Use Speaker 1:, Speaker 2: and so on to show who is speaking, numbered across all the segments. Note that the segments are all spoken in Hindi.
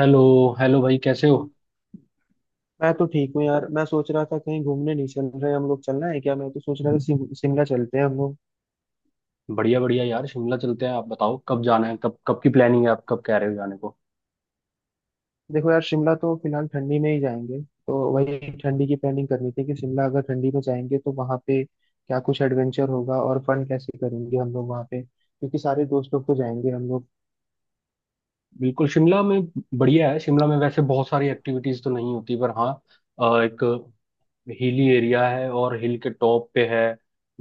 Speaker 1: हेलो। हेलो भाई, कैसे हो?
Speaker 2: मैं तो ठीक हूँ यार। मैं सोच रहा था, कहीं घूमने नहीं चल रहे हम लोग। चलना है क्या? मैं तो सोच रहा था शिमला चलते हैं हम लोग।
Speaker 1: बढ़िया बढ़िया यार, शिमला चलते हैं। आप बताओ कब जाना है, कब कब की प्लानिंग है? आप कब कह रहे हो जाने को?
Speaker 2: देखो यार, शिमला तो फिलहाल ठंडी में ही जाएंगे। तो वही ठंडी की प्लानिंग करनी थी कि शिमला अगर ठंडी में जाएंगे तो वहाँ पे क्या कुछ एडवेंचर होगा और फन कैसे करेंगे हम लोग वहाँ पे, क्योंकि सारे दोस्त लोग तो जाएंगे हम लोग।
Speaker 1: बिल्कुल शिमला में। बढ़िया है शिमला में, वैसे बहुत सारी एक्टिविटीज तो नहीं होती, पर हाँ एक हिली एरिया है और हिल के टॉप पे है।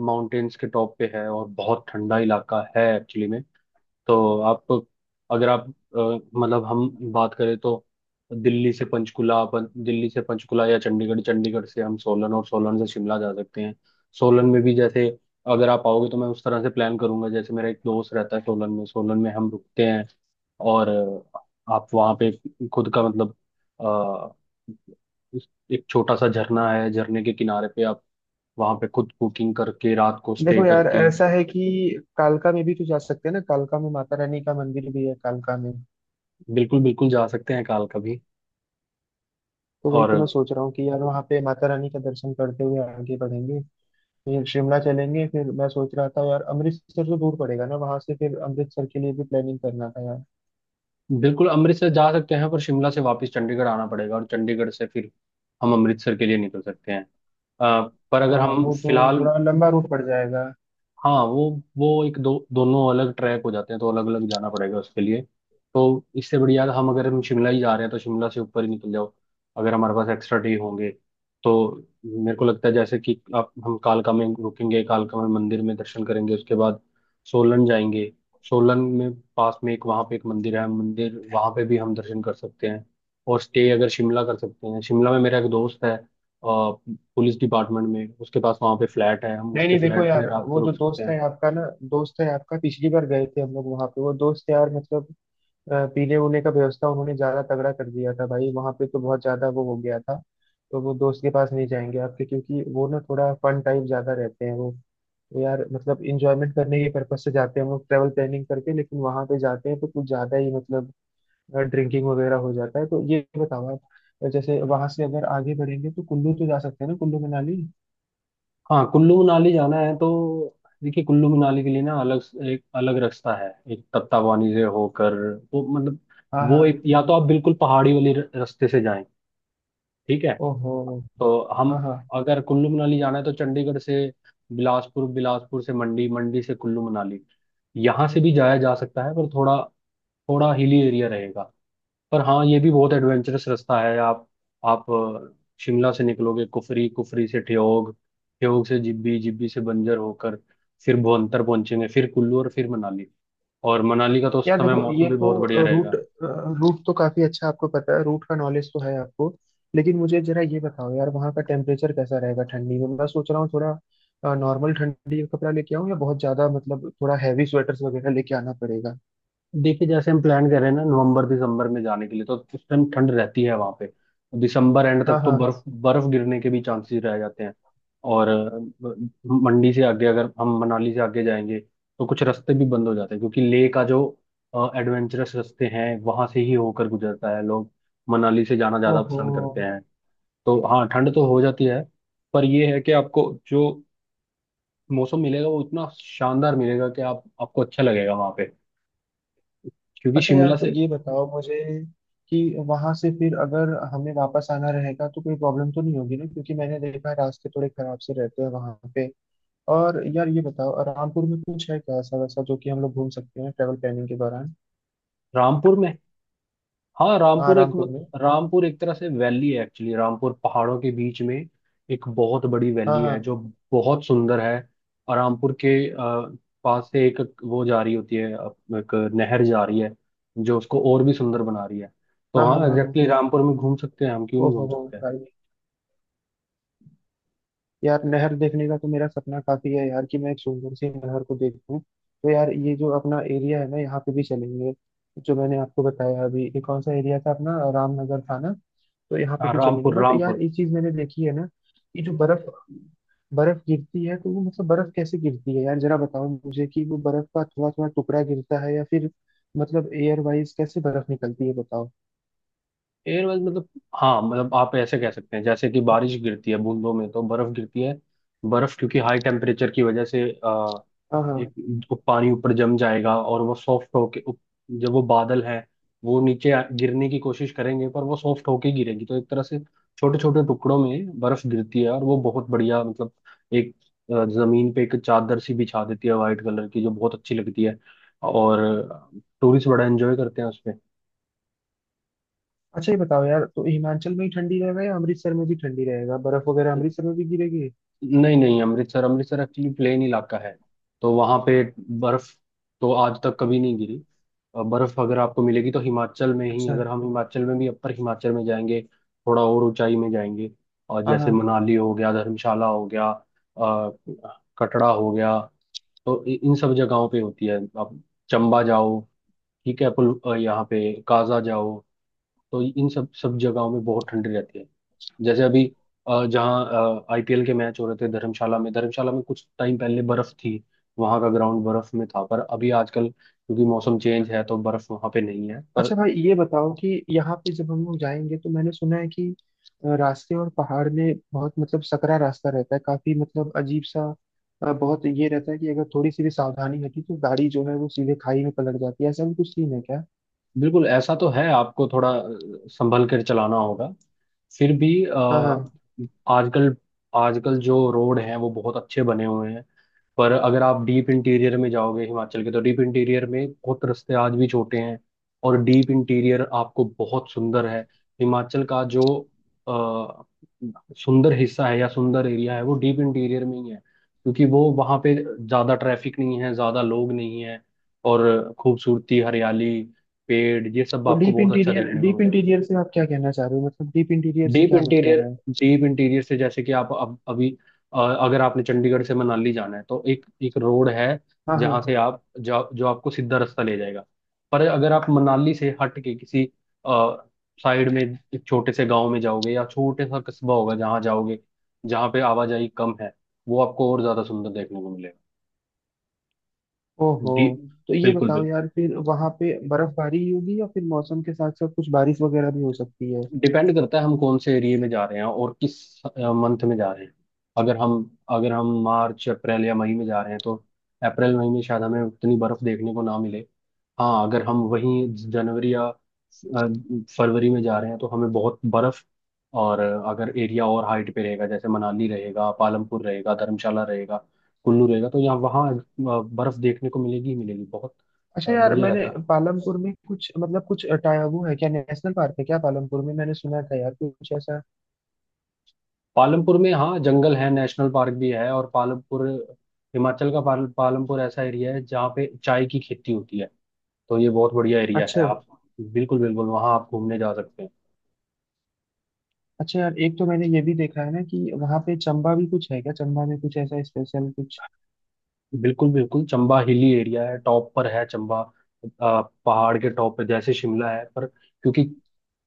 Speaker 1: माउंटेन्स के टॉप पे है और बहुत ठंडा इलाका है एक्चुअली में। तो आप अगर आप मतलब हम बात करें तो दिल्ली से पंचकुला, अपन दिल्ली से पंचकुला या चंडीगढ़, चंडीगढ़ से हम सोलन और सोलन से शिमला जा सकते हैं। सोलन में भी जैसे अगर आप आओगे तो मैं उस तरह से प्लान करूंगा। जैसे मेरा एक दोस्त रहता है सोलन में, सोलन में हम रुकते हैं। और आप वहाँ पे खुद का मतलब अ, एक छोटा सा झरना है, झरने के किनारे पे आप वहाँ पे खुद कुकिंग करके रात को स्टे
Speaker 2: देखो यार,
Speaker 1: करके।
Speaker 2: ऐसा है कि कालका में भी तो जा सकते हैं ना। कालका में माता रानी का मंदिर भी है कालका में।
Speaker 1: बिल्कुल बिल्कुल, जा सकते हैं काल का भी।
Speaker 2: तो वही
Speaker 1: और
Speaker 2: तो मैं सोच रहा हूँ कि यार वहाँ पे माता रानी का दर्शन करते हुए आगे बढ़ेंगे, फिर शिमला चलेंगे। फिर मैं सोच रहा था यार, अमृतसर तो दूर पड़ेगा ना वहां से। फिर अमृतसर के लिए भी प्लानिंग करना था यार।
Speaker 1: बिल्कुल अमृतसर जा सकते हैं, पर शिमला से वापस चंडीगढ़ आना पड़ेगा और चंडीगढ़ से फिर हम अमृतसर के लिए निकल सकते हैं। अ, पर अगर
Speaker 2: हाँ,
Speaker 1: हम
Speaker 2: वो तो
Speaker 1: फिलहाल,
Speaker 2: थोड़ा लंबा रूट पड़ जाएगा।
Speaker 1: हाँ वो एक दो दोनों अलग ट्रैक हो जाते हैं, तो अलग अलग जाना पड़ेगा उसके लिए। तो इससे बढ़िया हम अगर हम शिमला ही जा रहे हैं तो शिमला से ऊपर ही निकल जाओ। अगर हमारे पास एक्स्ट्रा डे होंगे तो मेरे को लगता है जैसे कि आप, हम कालका में रुकेंगे, कालका में मंदिर में दर्शन करेंगे, उसके बाद सोलन जाएंगे। सोलन में पास में एक वहाँ पे एक मंदिर है, मंदिर वहाँ पे भी हम दर्शन कर सकते हैं। और स्टे अगर शिमला कर सकते हैं, शिमला में मेरा एक दोस्त है पुलिस डिपार्टमेंट में, उसके पास वहाँ पे फ्लैट है, हम
Speaker 2: नहीं
Speaker 1: उसके
Speaker 2: नहीं, देखो
Speaker 1: फ्लैट में
Speaker 2: यार,
Speaker 1: रात को
Speaker 2: वो जो
Speaker 1: रुक सकते
Speaker 2: दोस्त
Speaker 1: हैं।
Speaker 2: है आपका ना, दोस्त है आपका, पिछली बार गए थे हम लोग वहां पे, वो दोस्त यार, मतलब पीने उने का व्यवस्था उन्होंने ज्यादा तगड़ा कर दिया था भाई। वहां पे तो बहुत ज्यादा वो हो गया था। तो वो दोस्त के पास नहीं जाएंगे आपके, क्योंकि वो ना थोड़ा फन टाइप ज्यादा रहते हैं वो। तो यार, मतलब इंजॉयमेंट करने के पर्पज से जाते हैं हम लोग, ट्रेवल प्लानिंग करके, लेकिन वहां पे जाते हैं तो कुछ ज्यादा ही मतलब ड्रिंकिंग वगैरह हो जाता है। तो ये बताओ आप, जैसे वहां से अगर आगे बढ़ेंगे तो कुल्लू तो जा सकते हैं ना, कुल्लू मनाली।
Speaker 1: हाँ कुल्लू मनाली जाना है तो देखिए कुल्लू मनाली के लिए ना अलग एक अलग रास्ता है, एक तत्तावानी से होकर। वो मतलब
Speaker 2: हाँ
Speaker 1: वो
Speaker 2: हाँ।
Speaker 1: एक, या तो आप बिल्कुल पहाड़ी वाले रास्ते से जाएं। ठीक है,
Speaker 2: ओहो।
Speaker 1: तो
Speaker 2: हाँ
Speaker 1: हम
Speaker 2: हाँ।
Speaker 1: अगर कुल्लू मनाली जाना है तो चंडीगढ़ से बिलासपुर, बिलासपुर से मंडी, मंडी से कुल्लू मनाली। यहाँ से भी जाया जा सकता है, पर थोड़ा थोड़ा हिली एरिया रहेगा। पर हाँ, ये भी बहुत एडवेंचरस रास्ता है। आप आप अ, शिमला से निकलोगे कुफरी, कुफरी से ठियोग, ठियोग से जिब्बी, जिब्बी से बंजर होकर फिर भुवंतर पहुंचेंगे, फिर कुल्लू और फिर मनाली। और मनाली का तो उस
Speaker 2: यार
Speaker 1: समय
Speaker 2: देखो,
Speaker 1: मौसम
Speaker 2: ये
Speaker 1: भी बहुत बढ़िया
Speaker 2: तो रूट,
Speaker 1: रहेगा।
Speaker 2: रूट तो काफी अच्छा। आपको पता है, रूट का नॉलेज तो है आपको। लेकिन मुझे जरा ये बताओ यार, वहाँ का टेम्परेचर कैसा रहेगा ठंडी में? मैं सोच रहा हूँ थोड़ा नॉर्मल ठंडी का कपड़ा लेके आऊँ, या बहुत ज्यादा मतलब थोड़ा हैवी स्वेटर्स वगैरह लेके आना पड़ेगा?
Speaker 1: देखिए जैसे हम प्लान कर रहे हैं ना नवंबर दिसंबर में जाने के लिए, तो उस टाइम ठंड रहती है वहां पे। दिसंबर एंड
Speaker 2: हाँ
Speaker 1: तक तो
Speaker 2: हाँ।
Speaker 1: बर्फ बर्फ गिरने के भी चांसेस रह जाते हैं। और मंडी से आगे अगर हम मनाली से आगे जाएंगे तो कुछ रास्ते भी बंद हो जाते हैं, क्योंकि लेह का जो एडवेंचरस रास्ते हैं वहां से ही होकर गुजरता है। लोग मनाली से जाना ज्यादा
Speaker 2: ओहो।
Speaker 1: पसंद करते हैं। तो हाँ, ठंड तो हो जाती है, पर ये है कि आपको जो मौसम मिलेगा वो इतना शानदार मिलेगा कि आप आपको अच्छा लगेगा वहां पे, क्योंकि
Speaker 2: अच्छा यार,
Speaker 1: शिमला
Speaker 2: तो
Speaker 1: से।
Speaker 2: ये बताओ मुझे कि वहां से फिर अगर हमें वापस आना रहेगा तो कोई प्रॉब्लम तो नहीं होगी ना, क्योंकि मैंने देखा है रास्ते थोड़े खराब से रहते हैं वहां पे। और यार ये बताओ, रामपुर में कुछ है क्या ऐसा वैसा जो कि हम लोग घूम सकते हैं ट्रेवल प्लानिंग के दौरान?
Speaker 1: रामपुर में, हाँ
Speaker 2: हाँ,
Speaker 1: रामपुर एक,
Speaker 2: रामपुर में।
Speaker 1: रामपुर एक तरह से वैली है एक्चुअली। रामपुर पहाड़ों के बीच में एक बहुत बड़ी
Speaker 2: हाँ
Speaker 1: वैली है,
Speaker 2: हाँ
Speaker 1: जो बहुत सुंदर है। और रामपुर के पास से एक वो जा रही होती है, एक नहर जा रही है, जो उसको और भी सुंदर बना रही है। तो
Speaker 2: हाँ हाँ।
Speaker 1: हाँ,
Speaker 2: हाँ हाँ।
Speaker 1: एग्जैक्टली रामपुर में घूम सकते हैं हम, क्यों नहीं घूम
Speaker 2: ओहो हो।
Speaker 1: सकते हैं।
Speaker 2: यार नहर देखने का तो मेरा सपना काफी है यार, कि मैं एक सुंदर सी नहर को देखूं। तो यार ये जो अपना एरिया है ना, यहाँ पे भी चलेंगे। जो मैंने आपको बताया अभी, ये कौन सा एरिया था, अपना रामनगर था ना, तो यहाँ पे
Speaker 1: हाँ
Speaker 2: भी चलेंगे।
Speaker 1: रामपुर
Speaker 2: बट
Speaker 1: रामपुर।
Speaker 2: यार एक चीज मैंने देखी है ना, कि जो बर्फ बर्फ गिरती है तो वो मतलब बर्फ कैसे गिरती है यार? जरा बताओ मुझे कि वो बर्फ का थोड़ा थोड़ा टुकड़ा गिरता है या फिर, मतलब एयर वाइज कैसे बर्फ निकलती है, बताओ।
Speaker 1: एयरवेल मतलब, हाँ मतलब आप ऐसे कह सकते हैं जैसे कि बारिश गिरती है बूंदों में, तो बर्फ गिरती है। बर्फ क्योंकि हाई टेम्परेचर की वजह से
Speaker 2: हाँ हाँ।
Speaker 1: एक, वो पानी ऊपर जम जाएगा और वो सॉफ्ट होके जब वो बादल है, वो नीचे गिरने की कोशिश करेंगे, पर वो सॉफ्ट होके गिरेगी तो एक तरह से छोटे छोटे टुकड़ों में बर्फ गिरती है। और वो बहुत बढ़िया मतलब एक, जमीन पे एक चादर सी बिछा देती है वाइट कलर की, जो बहुत अच्छी लगती है। और टूरिस्ट बड़ा एंजॉय करते हैं उसपे।
Speaker 2: अच्छा ये बताओ यार, तो हिमाचल में ही ठंडी रहेगा या अमृतसर में भी ठंडी रहेगा? बर्फ वगैरह अमृतसर में भी गिरेगी?
Speaker 1: नहीं नहीं, अमृतसर, अमृतसर एक्चुअली प्लेन इलाका है, तो वहां पे बर्फ तो आज तक कभी नहीं गिरी। बर्फ अगर आपको मिलेगी तो हिमाचल में ही,
Speaker 2: अच्छा।
Speaker 1: अगर हम हिमाचल में भी अपर हिमाचल में जाएंगे, थोड़ा और ऊंचाई में जाएंगे। और
Speaker 2: हाँ
Speaker 1: जैसे
Speaker 2: हाँ।
Speaker 1: मनाली हो गया, धर्मशाला हो गया, कटरा हो गया, तो इन सब जगहों पे होती है। आप चंबा जाओ, ठीक है, पुल यहाँ पे, काजा जाओ, तो इन सब सब जगहों में बहुत ठंडी रहती है। जैसे अभी जहाँ आईपीएल के मैच हो रहे थे धर्मशाला में, धर्मशाला में कुछ टाइम पहले बर्फ थी, वहां का ग्राउंड बर्फ में था। पर अभी आजकल क्योंकि मौसम चेंज है तो बर्फ वहां पे नहीं है, पर
Speaker 2: अच्छा भाई ये बताओ कि यहाँ पे जब हम लोग जाएंगे तो मैंने सुना है कि रास्ते और पहाड़ में बहुत मतलब सकरा रास्ता रहता है, काफी मतलब अजीब सा। बहुत ये रहता है कि अगर थोड़ी सी भी सावधानी हटी तो गाड़ी जो है वो सीधे खाई में पलट जाती है, ऐसा भी कुछ सीन है क्या?
Speaker 1: बिल्कुल ऐसा तो है, आपको थोड़ा संभल कर चलाना होगा। फिर भी
Speaker 2: हाँ हाँ।
Speaker 1: आजकल, आजकल जो रोड हैं वो बहुत अच्छे बने हुए हैं। पर अगर आप डीप इंटीरियर में जाओगे हिमाचल के, तो डीप इंटीरियर में बहुत रास्ते आज भी छोटे हैं। और डीप इंटीरियर आपको बहुत सुंदर है, हिमाचल का जो आ, सुंदर हिस्सा है या सुंदर एरिया है वो डीप इंटीरियर में ही है, क्योंकि वो वहाँ पे ज़्यादा ट्रैफिक नहीं है, ज़्यादा लोग नहीं है। और खूबसूरती, हरियाली, पेड़, ये सब
Speaker 2: तो
Speaker 1: आपको
Speaker 2: डीप
Speaker 1: बहुत अच्छा
Speaker 2: इंटीरियर,
Speaker 1: देखने को
Speaker 2: डीप
Speaker 1: मिलेगा।
Speaker 2: इंटीरियर से आप क्या कहना चाह रहे हो? मतलब डीप इंटीरियर से
Speaker 1: डीप
Speaker 2: क्या मतलब
Speaker 1: इंटीरियर,
Speaker 2: है?
Speaker 1: डीप इंटीरियर से जैसे कि आप अब अभी अ, अगर आपने चंडीगढ़ से मनाली जाना है तो एक एक रोड है
Speaker 2: हाँ
Speaker 1: जहां
Speaker 2: हाँ।
Speaker 1: से आप, जो जो आपको सीधा रास्ता ले जाएगा। पर अगर आप मनाली से हट के किसी साइड में एक छोटे से गांव में जाओगे, या छोटे सा कस्बा होगा जहां जाओगे, जहां पे आवाजाही कम है, वो आपको और ज्यादा सुंदर देखने को मिलेगा।
Speaker 2: ओहो।
Speaker 1: डी
Speaker 2: तो ये
Speaker 1: बिल्कुल
Speaker 2: बताओ
Speaker 1: बिल्कुल,
Speaker 2: यार, फिर वहां पे बर्फबारी ही होगी या फिर मौसम के साथ साथ कुछ बारिश वगैरह भी हो सकती है?
Speaker 1: डिपेंड करता है हम कौन से एरिया में जा रहे हैं और किस मंथ में जा रहे हैं। अगर हम अगर हम मार्च अप्रैल या मई में जा रहे हैं तो अप्रैल मई में शायद हमें उतनी बर्फ देखने को ना मिले। हाँ, अगर हम वहीं जनवरी या फरवरी में जा रहे हैं तो हमें बहुत बर्फ। और अगर एरिया और हाइट पे रहेगा, जैसे मनाली रहेगा, पालमपुर रहेगा, धर्मशाला रहेगा, कुल्लू रहेगा, तो यहाँ वहाँ बर्फ देखने को मिलेगी ही मिलेगी बहुत।
Speaker 2: अच्छा यार,
Speaker 1: बढ़िया
Speaker 2: मैंने
Speaker 1: रहता है
Speaker 2: पालमपुर में कुछ मतलब कुछ टाया वो है क्या, नेशनल पार्क है क्या पालमपुर में? मैंने सुना था यार कुछ ऐसा।
Speaker 1: पालमपुर में, हाँ जंगल है, नेशनल पार्क भी है। और पालमपुर, हिमाचल का पालमपुर ऐसा एरिया है जहाँ पे चाय की खेती होती है। तो ये बहुत बढ़िया एरिया है
Speaker 2: अच्छा।
Speaker 1: आप, बिल्कुल बिल्कुल वहाँ आप घूमने जा सकते हैं।
Speaker 2: अच्छा यार, एक तो मैंने ये भी देखा है ना कि वहां पे चंबा भी कुछ है क्या? चंबा में कुछ ऐसा स्पेशल कुछ?
Speaker 1: बिल्कुल बिल्कुल, चंबा हिली एरिया है, टॉप पर है चंबा। पहाड़ के टॉप पे, जैसे शिमला है, पर क्योंकि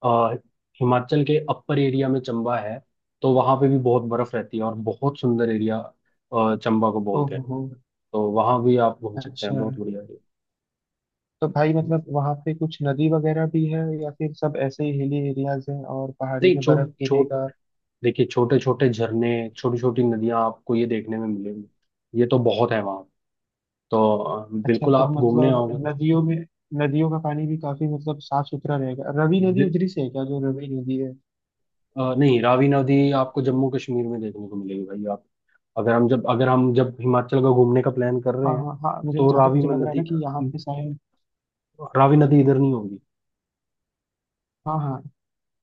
Speaker 1: आ, हिमाचल के अपर एरिया में चंबा है, तो वहाँ पे भी बहुत बर्फ रहती है। और बहुत सुंदर एरिया चंबा को बोलते हैं।
Speaker 2: ओहो।
Speaker 1: तो वहाँ भी आप घूम सकते हैं,
Speaker 2: अच्छा।
Speaker 1: बहुत बढ़िया एरिया।
Speaker 2: तो भाई मतलब वहां पे कुछ नदी वगैरह भी है या फिर सब ऐसे ही हिली एरियाज हैं और पहाड़ी
Speaker 1: नहीं,
Speaker 2: में बर्फ
Speaker 1: छोट छोट
Speaker 2: गिरेगा?
Speaker 1: देखिए छोटे छोटे झरने, छोटी छोटी नदियां आपको ये देखने में मिलेंगी, ये तो बहुत है वहाँ। तो
Speaker 2: अच्छा,
Speaker 1: बिल्कुल
Speaker 2: तो
Speaker 1: आप घूमने
Speaker 2: मतलब
Speaker 1: आओगे तो।
Speaker 2: नदियों में, नदियों का पानी भी काफी मतलब साफ सुथरा रहेगा? रवि नदी
Speaker 1: बि-
Speaker 2: उधरी से है क्या, जो रवि नदी है?
Speaker 1: नहीं, रावी नदी आपको जम्मू कश्मीर में देखने को मिलेगी भाई। आप अगर हम जब, हिमाचल का घूमने का प्लान कर रहे
Speaker 2: हाँ
Speaker 1: हैं
Speaker 2: हाँ हाँ, मुझे
Speaker 1: तो
Speaker 2: जहाँ तक
Speaker 1: रावी
Speaker 2: मुझे
Speaker 1: में
Speaker 2: लग रहा है
Speaker 1: नदी,
Speaker 2: ना कि यहाँ पे शायद।
Speaker 1: रावी नदी इधर नहीं होगी।
Speaker 2: हाँ हाँ।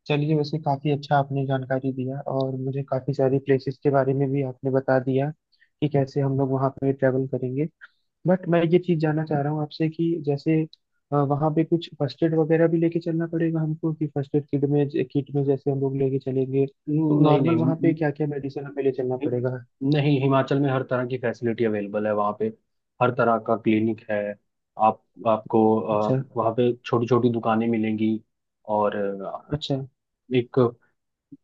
Speaker 2: चलिए, वैसे काफी अच्छा आपने जानकारी दिया, और मुझे काफी सारी प्लेसेस के बारे में भी आपने बता दिया कि कैसे हम लोग वहाँ पे ट्रेवल करेंगे। बट मैं ये चीज जानना चाह रहा हूँ आपसे कि जैसे वहाँ पे कुछ फर्स्ट एड वगैरह भी लेके चलना पड़ेगा हमको? कि फर्स्ट एड किट में, किट में जैसे हम लोग लेके चलेंगे, तो
Speaker 1: नहीं
Speaker 2: नॉर्मल
Speaker 1: नहीं,
Speaker 2: वहाँ पे क्या क्या मेडिसिन हमें ले चलना
Speaker 1: हि-
Speaker 2: पड़ेगा?
Speaker 1: नहीं, हिमाचल में हर तरह की फैसिलिटी अवेलेबल है वहाँ पे, हर तरह का क्लिनिक है। आप, आपको
Speaker 2: अच्छा।
Speaker 1: वहाँ पे छोटी छोटी दुकानें मिलेंगी। और
Speaker 2: अच्छा
Speaker 1: एक,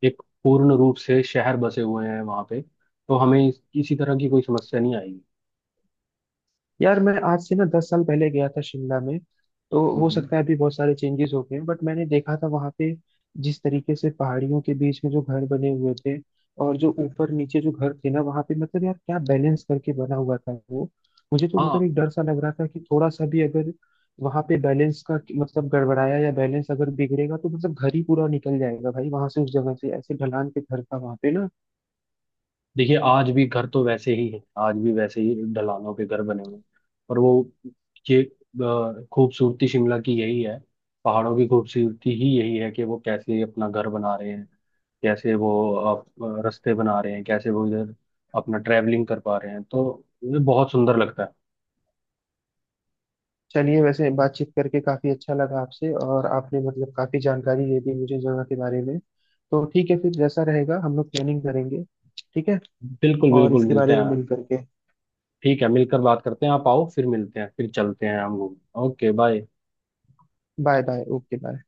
Speaker 1: एक पूर्ण रूप से शहर बसे हुए हैं वहाँ पे, तो हमें किसी तरह की कोई समस्या नहीं आएगी।
Speaker 2: यार, मैं आज से ना 10 साल पहले गया था शिमला में, तो हो
Speaker 1: हम्म,
Speaker 2: सकता है अभी बहुत सारे चेंजेस हो गए हैं। बट मैंने देखा था वहाँ पे जिस तरीके से पहाड़ियों के बीच में जो घर बने हुए थे, और जो ऊपर नीचे जो घर थे ना वहाँ पे, मतलब यार क्या बैलेंस करके बना हुआ था वो। मुझे तो
Speaker 1: हाँ,
Speaker 2: मतलब एक डर सा लग रहा था कि थोड़ा सा भी अगर वहाँ पे बैलेंस का मतलब गड़बड़ाया, या बैलेंस अगर बिगड़ेगा, तो मतलब घर ही पूरा निकल जाएगा भाई वहां से, उस जगह से। ऐसे ढलान के घर था वहाँ पे ना।
Speaker 1: देखिए आज भी घर तो वैसे ही है, आज भी वैसे ही ढलानों के घर बने हुए हैं। पर वो, ये खूबसूरती शिमला की यही है, पहाड़ों की खूबसूरती ही यही है कि वो कैसे अपना घर बना रहे हैं, कैसे वो रास्ते बना रहे हैं, कैसे वो इधर अपना ट्रैवलिंग कर पा रहे हैं। तो ये बहुत सुंदर लगता है।
Speaker 2: चलिए, वैसे बातचीत करके काफी अच्छा लगा आपसे, और आपने मतलब काफी जानकारी दे दी मुझे जगह के बारे में। तो ठीक है, फिर जैसा रहेगा हम लोग प्लानिंग करेंगे। ठीक है।
Speaker 1: बिल्कुल
Speaker 2: और
Speaker 1: बिल्कुल,
Speaker 2: इसके
Speaker 1: मिलते
Speaker 2: बारे में
Speaker 1: हैं।
Speaker 2: मिल करके।
Speaker 1: ठीक है, मिलकर बात करते हैं। आप आओ, फिर मिलते हैं, फिर चलते हैं हम घूमने। Okay bye.
Speaker 2: Bye bye. Okay bye.